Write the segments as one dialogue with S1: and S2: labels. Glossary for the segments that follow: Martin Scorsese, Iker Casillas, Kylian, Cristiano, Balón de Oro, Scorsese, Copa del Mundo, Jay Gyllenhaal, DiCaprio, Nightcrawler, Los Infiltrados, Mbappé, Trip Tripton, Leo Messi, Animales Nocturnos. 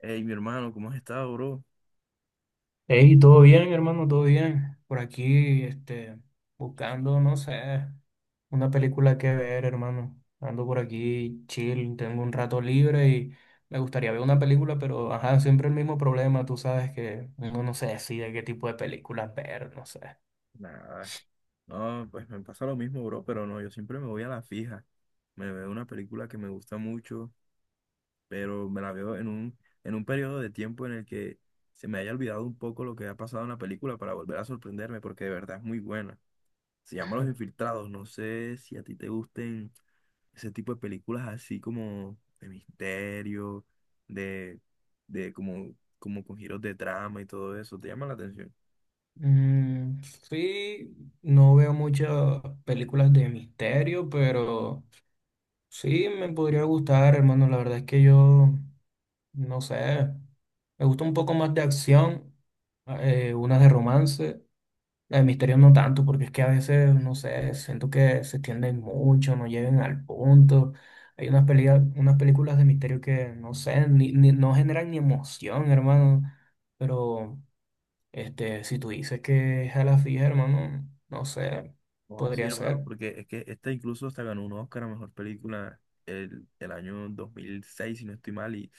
S1: Hey, mi hermano, ¿cómo has estado, bro?
S2: Hey, todo bien, hermano, todo bien. Por aquí, buscando, no sé, una película que ver, hermano. Ando por aquí, chill, tengo un rato libre y me gustaría ver una película, pero, ajá, siempre el mismo problema, tú sabes que uno no se decide qué tipo de películas ver, no sé.
S1: Nada, no, pues me pasa lo mismo, bro, pero no, yo siempre me voy a la fija. Me veo una película que me gusta mucho, pero me la veo en en un periodo de tiempo en el que se me haya olvidado un poco lo que ha pasado en la película para volver a sorprenderme, porque de verdad es muy buena. Se llama Los Infiltrados, no sé si a ti te gusten ese tipo de películas así como de misterio, de, de como, como con giros de trama y todo eso. ¿Te llama la atención?
S2: Mm, sí, no veo muchas películas de misterio, pero sí me podría gustar, hermano. La verdad es que yo no sé, me gusta un poco más de acción, unas de romance, la de misterio no tanto, porque es que a veces, no sé, siento que se extienden mucho, no llegan al punto. Hay unas peleas, unas películas de misterio que, no sé, no generan ni emoción, hermano. Pero, si tú dices que es a la fija, hermano, no sé,
S1: Oh, sí,
S2: podría
S1: hermano,
S2: ser.
S1: porque es que esta incluso hasta ganó un Oscar a mejor película el año 2006, si no estoy mal, y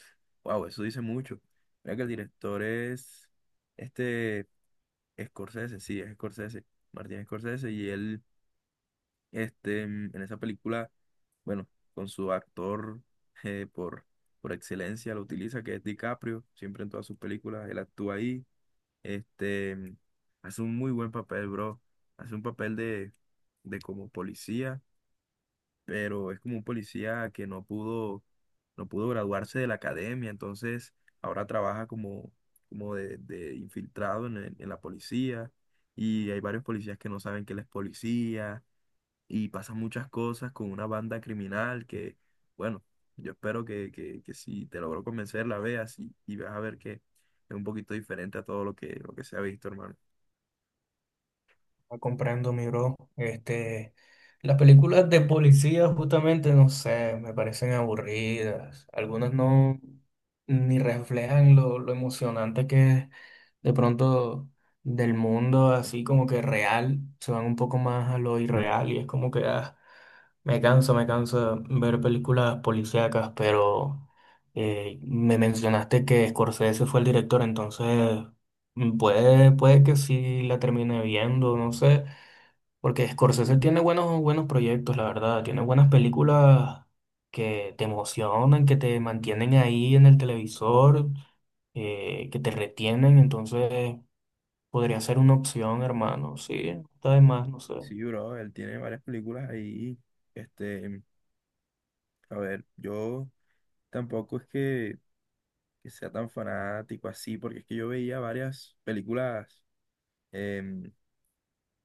S1: wow, eso dice mucho. Mira que el director es este Scorsese, sí, es Scorsese, Martin Scorsese, y él en esa película, bueno, con su actor eh, por, por excelencia lo utiliza, que es DiCaprio. Siempre en todas sus películas él actúa ahí. este, mm, Hace un muy buen papel, bro. Hace un papel de como policía, pero es como un policía que no pudo, no pudo graduarse de la academia, entonces ahora trabaja como, como de infiltrado en, en la policía, y hay varios policías que no saben que él es policía, y pasan muchas cosas con una banda criminal que, bueno, yo espero que, que si te logro convencer la veas, y vas a ver que es un poquito diferente a todo lo que se ha visto, hermano.
S2: Comprendo, mi bro. Las películas de policía, justamente, no sé, me parecen aburridas. Algunas no ni reflejan lo emocionante que es de pronto del mundo, así como que real. Se van un poco más a lo irreal y es como que ah, me canso de ver películas policíacas, pero me mencionaste que Scorsese fue el director, entonces. Puede que sí la termine viendo, no sé. Porque Scorsese tiene buenos proyectos, la verdad. Tiene buenas películas que te emocionan, que te mantienen ahí en el televisor, que te retienen. Entonces podría ser una opción, hermano. Sí, está de más, no sé.
S1: Sí, bro, él tiene varias películas ahí. Este, a ver, yo tampoco es que sea tan fanático así, porque es que yo veía varias películas, em,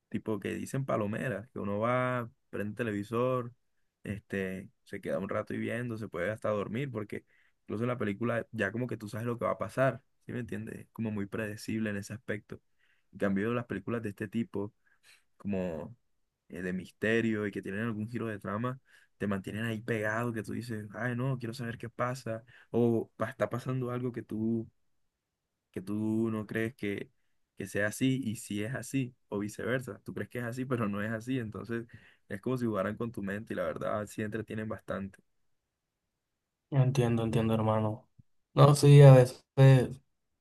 S1: tipo que dicen palomeras, que uno va, prende el televisor, se queda un rato y viendo, se puede hasta dormir, porque incluso en la película ya como que tú sabes lo que va a pasar. ¿Sí me entiendes? Es como muy predecible en ese aspecto. En cambio, las películas de este tipo, como de misterio y que tienen algún giro de trama, te mantienen ahí pegado, que tú dices, ay, no, quiero saber qué pasa, o está pasando algo que tú no crees que sea así, y si es así, o viceversa, tú crees que es así, pero no es así. Entonces es como si jugaran con tu mente, y la verdad sí entretienen bastante.
S2: Entiendo, entiendo, hermano. No, sí, a veces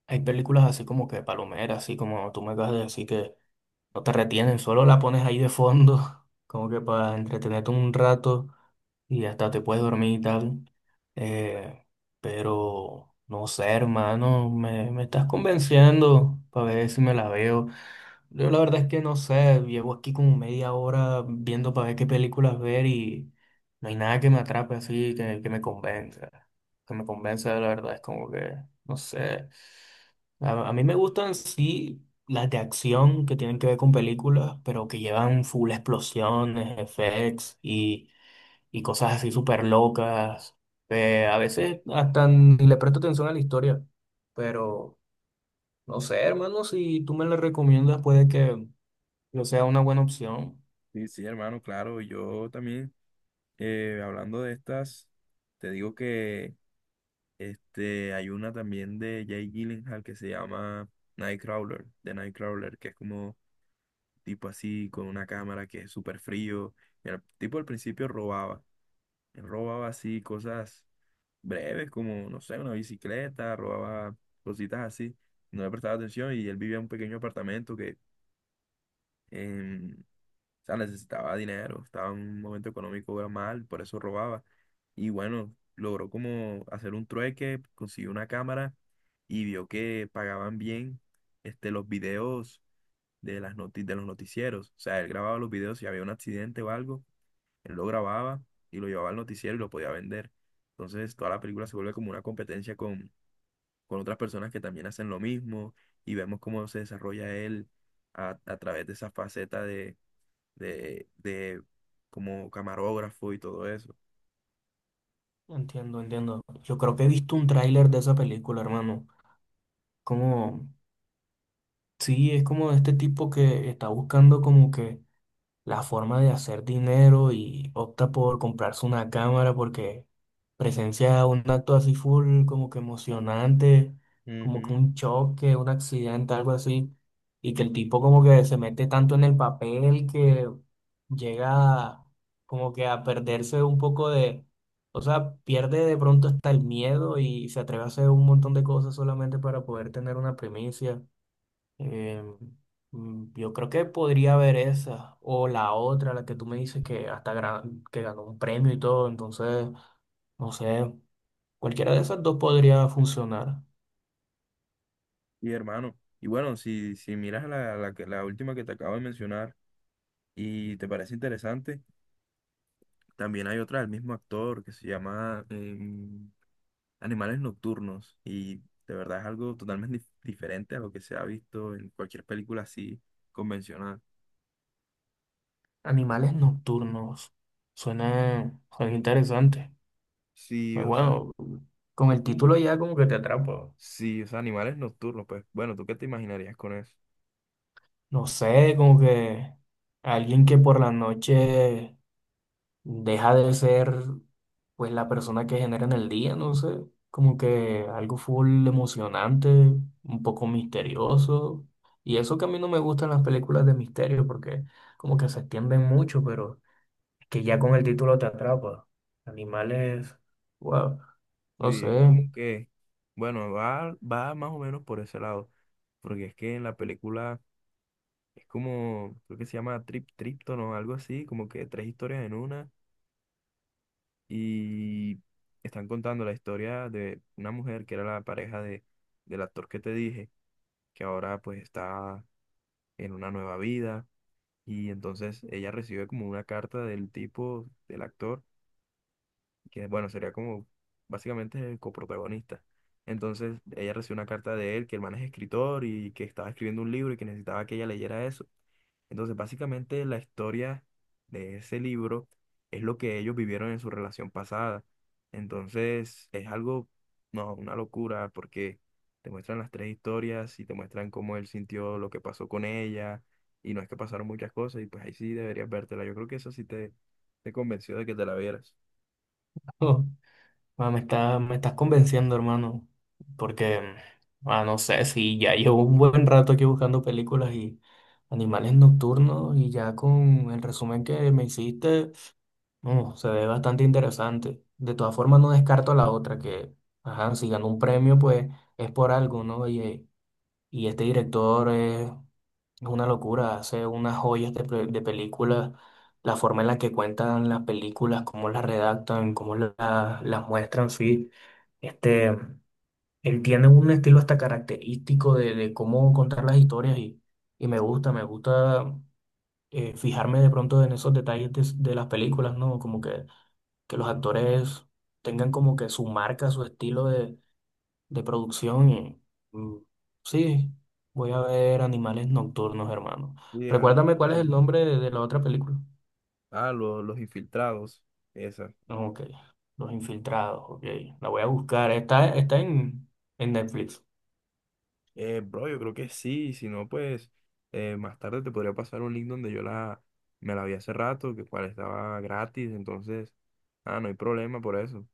S2: hay películas así como que palomeras, así como tú me acabas de decir que no te retienen, solo la pones ahí de fondo, como que para entretenerte un rato, y hasta te puedes dormir y tal. Eh, pero no sé, hermano, me estás convenciendo para ver si me la veo. Yo la verdad es que no sé, llevo aquí como media hora viendo para ver qué películas ver y no hay nada que me atrape así, que me convenza. Que me convenza, la verdad, es como que, no sé. A mí me gustan, sí, las de acción que tienen que ver con películas, pero que llevan full explosiones, effects y cosas así súper locas. A veces hasta ni le presto atención a la historia, pero no sé, hermano, si tú me la recomiendas, puede que no sea una buena opción.
S1: Sí, sí, hermano, claro, yo también, hablando de estas, te digo que... hay una también de Jay Gyllenhaal que se llama Nightcrawler, de Nightcrawler, que es como tipo así con una cámara que es súper frío. Y el tipo al principio robaba, él robaba así cosas breves como, no sé, una bicicleta, robaba cositas así. No le prestaba atención, y él vivía en un pequeño apartamento que, o sea, necesitaba dinero, estaba en un momento económico mal, por eso robaba. Y bueno, logró como hacer un trueque, consiguió una cámara y vio que pagaban bien los videos de los noticieros. O sea, él grababa los videos si había un accidente o algo, él lo grababa y lo llevaba al noticiero y lo podía vender. Entonces toda la película se vuelve como una competencia con otras personas que también hacen lo mismo, y vemos cómo se desarrolla él a través de esa faceta de como camarógrafo y todo eso.
S2: Entiendo, entiendo. Yo creo que he visto un tráiler de esa película, hermano. Como, sí, es como de este tipo que está buscando como que la forma de hacer dinero y opta por comprarse una cámara porque presencia un acto así full, como que emocionante, como que
S1: Ujú.
S2: un choque, un accidente, algo así, y que el tipo como que se mete tanto en el papel que llega como que a perderse un poco de, o sea, pierde de pronto hasta el miedo y se atreve a hacer un montón de cosas solamente para poder tener una primicia. Eh, yo creo que podría haber esa o la otra, la que tú me dices que que ganó un premio y todo, entonces, no sé, cualquiera de esas dos podría funcionar.
S1: Y hermano, y bueno, si, si miras la, la última que te acabo de mencionar y te parece interesante, también hay otra del mismo actor que se llama Animales Nocturnos, y de verdad es algo totalmente diferente a lo que se ha visto en cualquier película así convencional.
S2: Animales nocturnos, suena interesante.
S1: Sí,
S2: Pues
S1: o sea,
S2: bueno, con
S1: es
S2: el
S1: como...
S2: título ya como que te atrapa.
S1: Sí, o sea, Animales Nocturnos, pues bueno, ¿tú qué te imaginarías con eso?
S2: No sé, como que alguien que por la noche deja de ser pues la persona que genera en el día, no sé, como que algo full emocionante, un poco misterioso. Y eso que a mí no me gustan las películas de misterio porque como que se extienden mucho, pero que ya con el título te atrapa. Animales, wow, no
S1: Sí, es
S2: sé.
S1: como que, bueno, va, va más o menos por ese lado, porque es que en la película es como, creo que se llama Trip Tripton o algo así, como que tres historias en una, y están contando la historia de una mujer que era la pareja del actor que te dije, que ahora pues está en una nueva vida, y entonces ella recibe como una carta del tipo, del actor que, bueno, sería como básicamente el coprotagonista. Entonces ella recibió una carta de él, que el man es escritor y que estaba escribiendo un libro y que necesitaba que ella leyera eso. Entonces básicamente la historia de ese libro es lo que ellos vivieron en su relación pasada. Entonces es algo, no, una locura, porque te muestran las tres historias y te muestran cómo él sintió lo que pasó con ella, y no, es que pasaron muchas cosas y pues ahí sí deberías vértela. Yo creo que eso sí te convenció de que te la vieras.
S2: Me estás convenciendo, hermano, porque, ah, no sé, si ya llevo un buen rato aquí buscando películas y animales nocturnos y ya con el resumen que me hiciste, no, se ve bastante interesante. De todas formas, no descarto la otra, que, ajá, si ganó un premio, pues es por algo, ¿no? Y este director es una locura, hace unas joyas de, de películas, la forma en la que cuentan las películas, cómo las redactan, cómo las muestran, sí. Este, Él tiene un estilo hasta característico de cómo contar las historias y me gusta fijarme de pronto en esos detalles de las películas, ¿no? Como que los actores tengan como que su marca, su estilo de producción y mm, sí, voy a ver Animales Nocturnos, hermano.
S1: Sí, es algo
S2: Recuérdame cuál es el
S1: interesante.
S2: nombre de la otra película.
S1: Ah, los infiltrados, esa.
S2: Ok, Los Infiltrados, ok, la voy a buscar, está, está en Netflix.
S1: Bro, yo creo que sí, si no, pues más tarde te podría pasar un link donde yo la, me la vi hace rato, que cual estaba gratis, entonces, ah, no hay problema por eso.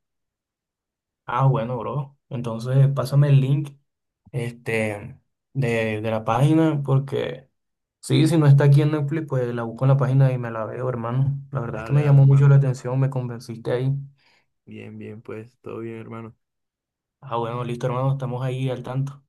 S2: Ah, bueno, bro. Entonces, pásame el link, este, de la página, porque sí, si no está aquí en Netflix, pues la busco en la página y me la veo, hermano. La verdad es que
S1: Dale,
S2: me
S1: dale,
S2: llamó mucho la
S1: hermano.
S2: atención, me convenciste ahí.
S1: Bien, bien, pues, todo bien, hermano.
S2: Ah, bueno, listo, hermano, estamos ahí al tanto.